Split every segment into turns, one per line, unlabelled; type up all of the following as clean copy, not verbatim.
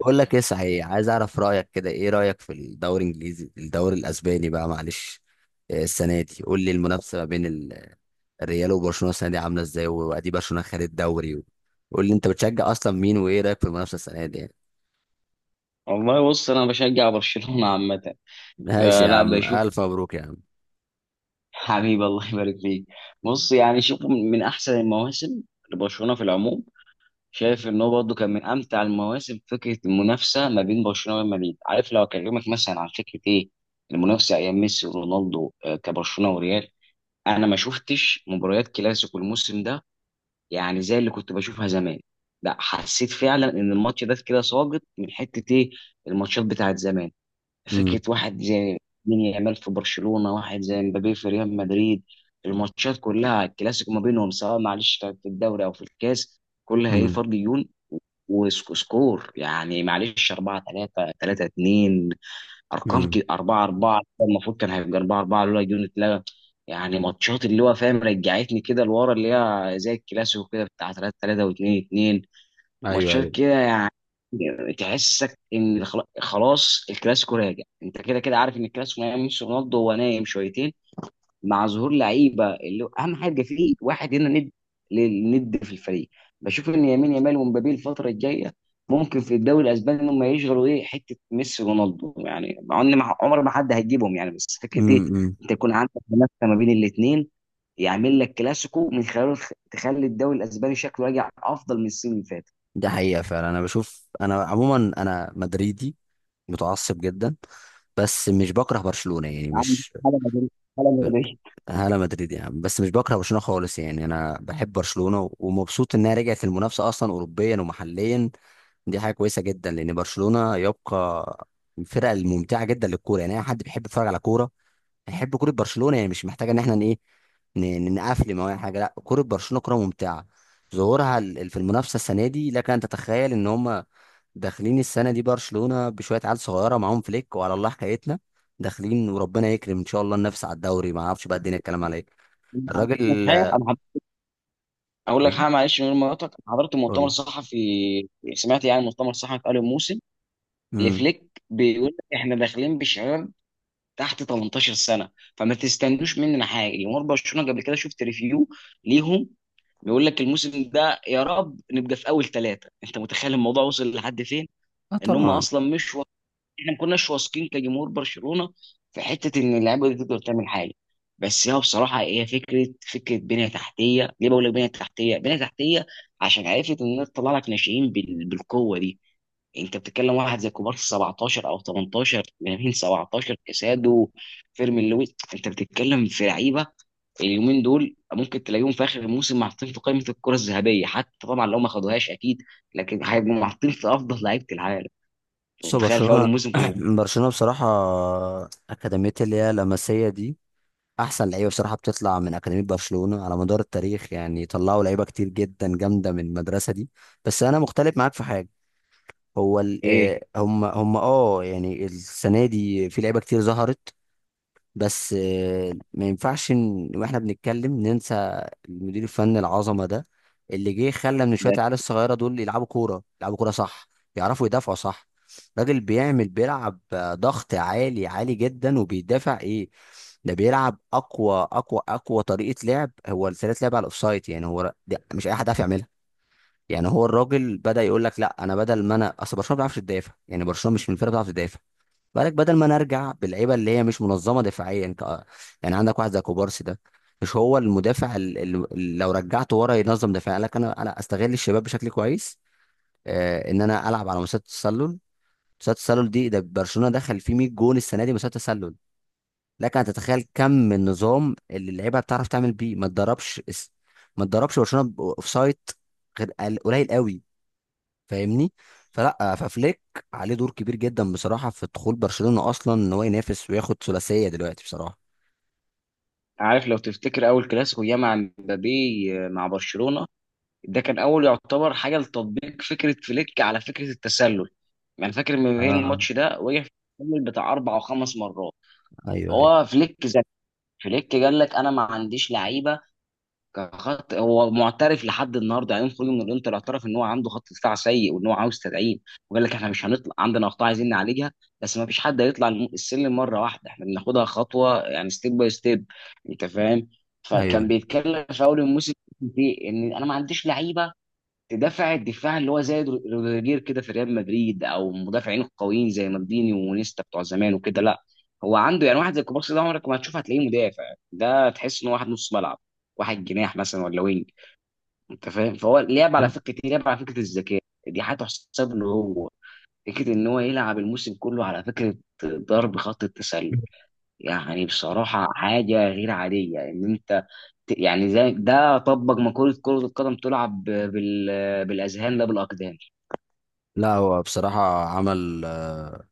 بقول لك ايه، صحيح عايز اعرف رايك كده. ايه رايك في الدوري الانجليزي، الدوري الاسباني بقى؟ معلش. السنه دي قول لي، المنافسه ما بين الريال وبرشلونه السنه دي عامله ازاي؟ وادي برشلونه خد الدوري. قول لي انت بتشجع اصلا مين، وايه رايك في المنافسه السنه دي يعني؟
والله، بص انا بشجع برشلونه عامه.
ماشي يا
فلا
عم،
بشوف.
الف مبروك يا عم.
حبيبي، الله يبارك فيك. بص يعني شوف من احسن المواسم لبرشلونه في العموم. شايف ان هو برضه كان من امتع المواسم، فكره المنافسه ما بين برشلونه وريال مدريد. عارف، لو اكلمك مثلا عن فكره ايه المنافسه ايام ميسي ورونالدو، كبرشلونه وريال. انا ما شفتش مباريات كلاسيكو الموسم ده، يعني زي اللي كنت بشوفها زمان. لا، حسيت فعلا ان الماتش ده كده ساقط من حته ايه، الماتشات بتاعت زمان.
امم.
فكرة واحد زي مين يامال في برشلونة، واحد زي مبابي في ريال مدريد. الماتشات كلها، الكلاسيكو ما بينهم سواء معلش كانت في الدوري أو في الكاس، كلها هي
امم.
فرق ديون. وسكور يعني معلش 4-3 3-2، أرقام
امم.
كده. 4-4 المفروض كان هيبقى 4-4 لولا ديون اتلغى. يعني ماتشات اللي هو فاهم رجعتني كده لورا، اللي هي زي الكلاسيكو كده بتاع 3-3 و2-2.
ايوه،
ماتشات
ايوه.
كده يعني. تحسك ان خلاص الكلاسيكو راجع. انت كده كده عارف ان الكلاسيكو ما يمشي رونالدو، هو نايم شويتين. مع ظهور لعيبه اللي هو اهم حاجه فيه، واحد هنا ند للند في الفريق. بشوف ان يمين يامال ومبابي الفتره الجايه ممكن في الدوري الاسباني ان هم يشغلوا ايه حته ميسي ورونالدو، يعني مع ان عمر ما حد هيجيبهم يعني، بس فكره
امم.
ايه
امم.
انت يكون عندك منافسه ما بين الاثنين يعمل لك كلاسيكو من خلاله، تخلي الدوري الاسباني شكله راجع افضل من السنين اللي فاتت.
ده حقيقه فعلا. انا بشوف انا عموما انا مدريدي متعصب جدا، بس مش بكره برشلونه يعني،
يا عم.
مش
حاجه مدريد، حاجه
بل-
مدريد.
انا مدريد يا عم، بس مش بكره برشلونه خالص يعني. انا بحب برشلونه ومبسوط انها رجعت المنافسه اصلا، اوروبيا ومحليا. دي حاجه كويسه جدا، لان برشلونه يبقى من الفرق الممتعه جدا للكوره، يعني اي حد بيحب يتفرج على كوره نحب كرة برشلونة، يعني مش محتاجة ان احنا ن- نقفل. ما حاجة، لا، كرة برشلونة كرة ممتعة. ظهورها في المنافسة السنة دي، لك ان تتخيل ان هم داخلين السنة دي. برشلونة بشوية عيال صغيرة معاهم فليك، وعلى الله حكايتنا. داخلين وربنا يكرم، ان شاء الله ننافس على الدوري. ما اعرفش بقى الدنيا الكلام على ايه. الراجل
حاجه،
آه،
انا اقول لك
ايه؟
حاجه معلش، من غير ما أقاطعك. أنا حضرت مؤتمر
قول.
صحفي، سمعت يعني مؤتمر صحفي، قالوا موسم
امم.
لفليك بيقول لك احنا داخلين بشباب تحت 18 سنه، فما تستنوش مننا حاجه. جمهور برشلونه قبل كده شفت ريفيو ليهم، بيقول لك الموسم ده يا رب نبقى في اول ثلاثه. انت متخيل الموضوع وصل لحد فين؟
اه،
ان هم
طبعا.
اصلا مش، احنا ما كناش واثقين كجمهور برشلونه في حته ان اللعيبه دي تقدر تعمل حاجه. بس هي بصراحه، هي فكره بنيه تحتيه. ليه بقول لك بنيه تحتيه بنيه تحتيه؟ عشان عرفت ان هي تطلع لك ناشئين بالقوه دي. انت بتتكلم واحد زي كوبارسي 17 او 18، لامين 17، كاسادو، فيرمين لويس. انت بتتكلم في لعيبه اليومين دول ممكن تلاقيهم في اخر الموسم محطين في قائمه الكره الذهبيه، حتى طبعا لو ما خدوهاش اكيد، لكن هيبقوا محطين في افضل لعيبه العالم.
بص
انت متخيل في اول
برشلونة.
الموسم كنا بنقول
برشلونة بصراحة، أكاديمية اللي هي لاماسيا دي احسن لعيبه بصراحه، بتطلع من اكاديميه برشلونه على مدار التاريخ، يعني طلعوا لعيبه كتير جدا جامده من المدرسه دي. بس انا مختلف معاك في حاجه. هو
ايه
هم يعني السنه دي في لعيبه كتير ظهرت، بس ما ينفعش واحنا بنتكلم ننسى المدير الفني العظمه ده، اللي جه خلى من
ده؟
شويه العيال الصغيره دول يلعبوا كوره، يلعبوا كوره صح، يعرفوا يدافعوا صح. راجل بيعمل، بيلعب ضغط عالي عالي جدا، وبيدافع ايه. ده بيلعب اقوى اقوى اقوى طريقه لعب. هو طريقه لعب على الاوفسايد يعني، ده مش اي حد عارف يعملها. يعني هو الراجل بدا يقول لك لا، انا بدل ما انا، اصل برشلونه ما بيعرفش تدافع، يعني برشلونه مش من الفرقه بتعرف تدافع. بالك بدل ما نرجع باللعيبه اللي هي مش منظمه دفاعيا، انت يعني عندك واحد زي كوبارسي ده، مش هو المدافع، اللي لو رجعته ورا ينظم دفاع. قال لك انا استغل الشباب بشكل كويس. آه، ان انا العب على مسات التسلل. مسات التسلل دي، ده برشلونه دخل فيه 100 جون السنه دي مسات تسلل. لك ان تتخيل كم النظام اللي اللعيبه بتعرف تعمل بيه. ما تدربش، ما تدربش برشلونه اوف سايت غير قليل قوي. فاهمني؟ فلا، ففليك عليه دور كبير جدا بصراحه في دخول برشلونه اصلا، ان هو ينافس وياخد ثلاثيه دلوقتي بصراحه.
عارف، لو تفتكر اول كلاسيكو ياما مبابي مع برشلونه، ده كان اول يعتبر حاجه لتطبيق فكره فليك على فكره التسلل. يعني فاكر مبابي
اه.
الماتش ده وقع في التسلل بتاع اربع او خمس مرات.
ايوه، ايوه،
هو فليك ذكي. فليك قال لك انا ما عنديش لعيبه كان خط، هو معترف لحد النهارده، يعني يوم خروجه من الانتر اعترف ان هو عنده خط دفاع سيء وان هو عاوز تدعيم، وقال لك احنا مش هنطلع عندنا اخطاء عايزين نعالجها، بس ما فيش حد هيطلع السلم مره واحده، احنا بناخدها خطوه، يعني ستيب باي ستيب. انت فاهم. فكان
ايوه.
بيتكلم في اول الموسم في ان انا ما عنديش لعيبه دفع الدفاع اللي هو زي روديجير كده في ريال مدريد، او مدافعين القويين زي مالديني ونيستا بتوع زمان وكده، لا. هو عنده يعني واحد زي كوبارسي ده عمرك ما هتشوف هتلاقيه مدافع، ده تحس ان هو واحد نص ملعب، واحد جناح مثلا ولا وينج. انت فاهم، فهو لعب على فكره ايه، لعب على فكره الذكاء. دي حاجه تحسب له هو، فكره ان هو يلعب الموسم كله على فكره ضرب خط التسلل. يعني بصراحة حاجة غير عادية إن أنت يعني زي ده طبق مقولة كرة القدم تلعب بالأذهان لا بالأقدام.
لا، هو بصراحه عمل آه،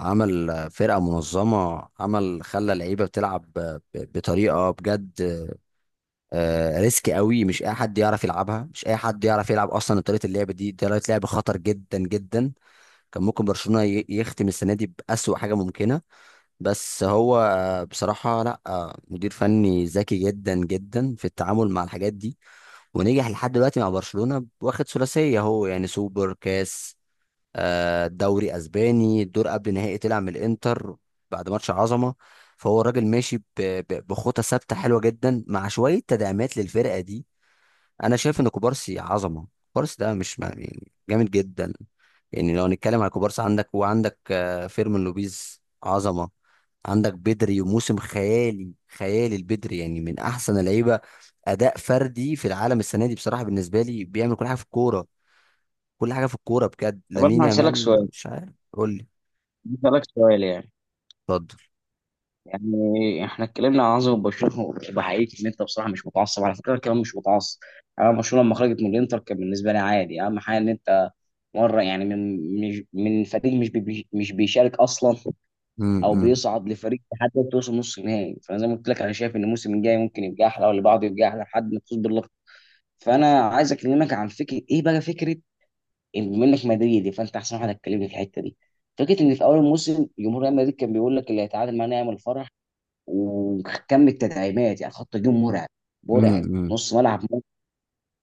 عمل آه، فرقه منظمه، عمل خلى اللعيبه بتلعب بطريقه بجد، ريسك قوي. مش اي حد يعرف يلعبها، مش اي حد يعرف يلعب اصلا طريقه اللعب دي، طريقه لعب خطر جدا جدا. كان ممكن برشلونه يختم السنه دي باسوا حاجه ممكنه، بس هو بصراحة لا، مدير فني ذكي جدا جدا في التعامل مع الحاجات دي، ونجح لحد دلوقتي مع برشلونة. واخد ثلاثية هو يعني، سوبر كاس، دوري اسباني، الدور قبل نهائي طلع من الانتر بعد ماتش عظمة. فهو الراجل ماشي بخطى ثابتة حلوة جدا، مع شوية تدعيمات للفرقة دي. انا شايف ان كوبارسي عظمه. كوبارسي ده مش يعني جامد جدا. يعني لو هنتكلم على كوبارسي، عندك، وعندك فيرمين لوبيز عظمه. عندك بدري، وموسم خيالي خيالي البدري، يعني من احسن اللعيبه اداء فردي في العالم السنه دي بصراحه بالنسبه لي، بيعمل كل حاجه في الكوره، كل حاجه في الكوره بجد.
طب،
لامين
أنا هسألك
يامال،
سؤال،
مش عارف قول لي.
هسألك سؤال يعني،
اتفضل.
يعني إحنا اتكلمنا عن عظمة برشلونة وبحقيقة إن أنت بصراحة مش متعصب، على فكرة أنا كمان مش متعصب. أنا برشلونة لما خرجت من الإنتر كان بالنسبة لي عادي. أهم حاجة إن أنت مرة يعني من مش من فريق مش مش بيشارك أصلا او
امم.
بيصعد لفريق لحد ما توصل نص النهائي. فانا زي ما قلت لك انا شايف ان الموسم الجاي ممكن يبقى احلى واللي بعده يبقى احلى لحد ما تفوز باللقب. فانا عايز اكلمك عن فكره ايه بقى، فكره إن بما انك مدريدي فانت احسن واحد هتكلمني في الحته دي. فكره ان في اول الموسم جمهور ريال مدريد كان بيقول لك اللي هيتعادل معانا يعمل فرح، وكم التدعيمات، يعني خط هجوم مرعب، مرعب،
امم.
نص ملعب.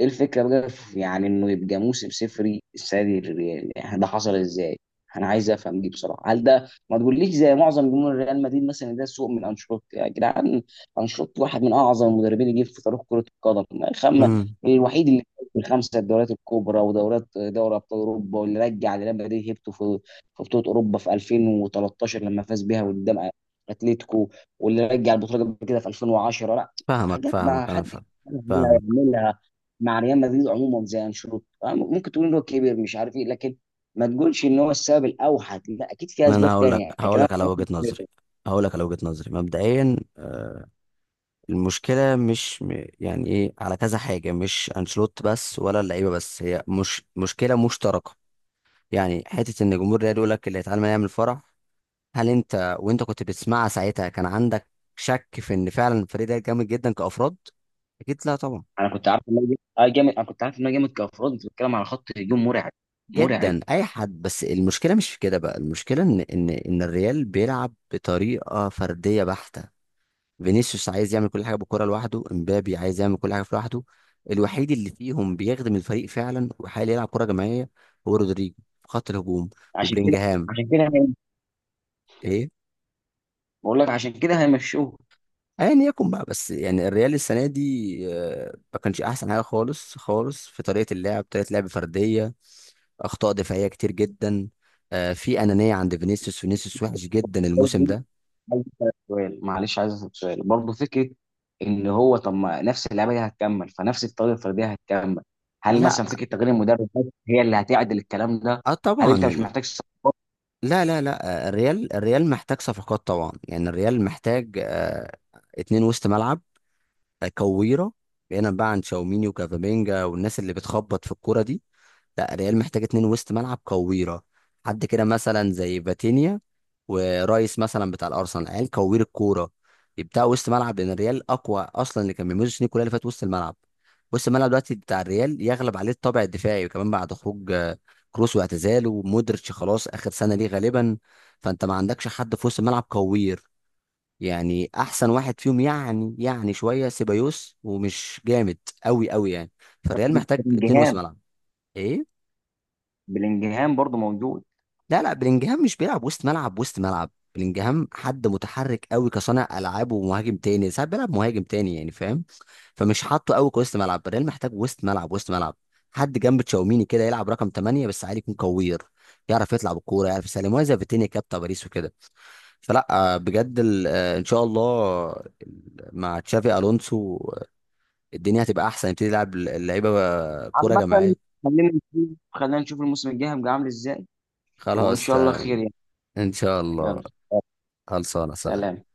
ايه الفكره بقى في، يعني انه يبقى موسم صفري السنه دي للريال، يعني ده حصل ازاي؟ انا عايز افهم دي بصراحه. هل ده، ما تقوليش زي معظم جمهور ريال مدريد مثلا، ده سوء من انشيلوتي؟ يا جدعان، انشيلوتي واحد من اعظم المدربين اللي جه في تاريخ كره القدم. خم.
امم.
الوحيد اللي في الخمسه الدوريات الكبرى ودورات دوري ابطال اوروبا، واللي رجع ريال مدريد هيبته في بطوله اوروبا في 2013 لما فاز بيها قدام اتلتيكو، واللي رجع البطوله قبل كده في 2010. لا،
فاهمك
حاجات ما
فاهمك انا
حد
فاهم. فاهمك.
يعملها مع ريال مدريد عموما زي انشيلوتي، ممكن تقول ان هو كبر مش عارف ايه، لكن ما تقولش ان هو السبب الاوحد. لا، اكيد في
انا
اسباب
هقول
تانية،
لك،
يعني كلام.
على وجهه نظري. هقول لك على وجهه نظري مبدئيا. المشكلة مش يعني ايه، على كذا حاجة، مش انشيلوتي بس ولا اللعيبة بس، هي مش مشكلة، مشتركة يعني. حتة ان جمهور الريال يقول لك اللي هيتعلم يعمل فرح، هل انت، وانت كنت بتسمعها ساعتها، كان عندك شك في ان فعلا الفريق ده جامد جدا كأفراد؟ اكيد لا، طبعا.
انا كنت عارف ان هو جامد، انا كنت عارف ان هو جامد كافراد. انت بتتكلم على خط هجوم مرعب، مرعب.
جدا، اي حد. بس المشكلة مش في كده بقى. المشكلة ان الريال بيلعب بطريقة فردية بحتة. فينيسيوس عايز يعمل كل حاجه بالكره لوحده، امبابي عايز يعمل كل حاجه في لوحده. الوحيد اللي فيهم بيخدم الفريق فعلا، وحاليا يلعب كره جماعيه، هو رودريجو في خط الهجوم،
عشان كده.
وبلينجهام.
عشان كده
ايه؟
بقول لك عشان كده هيمشوه.
ايا يكن بقى، بس يعني الريال السنه دي ما كانش احسن حاجه خالص خالص في طريقه اللعب، طريقه لعب فرديه، اخطاء دفاعيه كتير جدا، في انانيه عند فينيسيوس. فينيسيوس وحش جدا الموسم
برضه
ده.
عايز أسألك سؤال معلش، عايز اسال سؤال برضه فكره، ان هو طب، ما نفس اللعبه دي هتكمل، فنفس الطريقه الفرديه هتكمل. هل
لا.
مثلا فكره تغيير المدرب بس هي اللي هتعدل الكلام ده؟
اه،
هل انت
طبعا.
مش محتاج صفقة
لا، لا، لا، الريال، الريال محتاج صفقات طبعا، يعني الريال محتاج اتنين وسط ملعب، كويرة، بعيدا بقى عن تشاوميني وكافامينجا والناس اللي بتخبط في الكوره دي. لا، ريال محتاج اتنين وسط ملعب كويرة. حد كده مثلا زي فاتينيا، ورايس مثلا بتاع الارسنال، عيال كوير الكوره، يبدأ وسط ملعب. لان الريال اقوى اصلا، اللي كان بيميزه السنين كلها اللي فاتت وسط الملعب. وسط الملعب دلوقتي بتاع الريال يغلب عليه الطابع الدفاعي، وكمان بعد خروج كروس واعتزاله، ومودريتش خلاص اخر سنه ليه غالبا. فانت ما عندكش حد في وسط الملعب كوير. يعني احسن واحد فيهم، يعني شويه سيبايوس، ومش جامد قوي قوي يعني. فالريال
من
محتاج اتنين وسط
بلينجهام؟
ملعب. ايه؟
بلينجهام برضه موجود.
لا، لا، بلينجهام مش بيلعب وسط ملعب. وسط ملعب بلينجهام، حد متحرك قوي كصانع العاب ومهاجم تاني، ساعات بيلعب مهاجم تاني يعني، فاهم. فمش حاطه قوي كوسط ملعب. الريال محتاج وسط ملعب، وسط ملعب، حد جنب تشاوميني كده، يلعب رقم 8 بس، عادي، يكون كوير، يعرف يطلع بالكوره، يعرف يسلم، وهي زي فيتينيا كده بتاع باريس وكده. فلا، بجد ان شاء الله مع تشافي الونسو، الدنيا هتبقى احسن، يبتدي يلعب اللعيبه كوره
عامة،
جماعيه.
خلينا نشوف، خلينا نشوف الموسم الجاي هيبقى عامل ازاي وان
خلاص
شاء الله خير يعني.
ان شاء الله.
يلا.
خلصانه،
سلام.
سلام.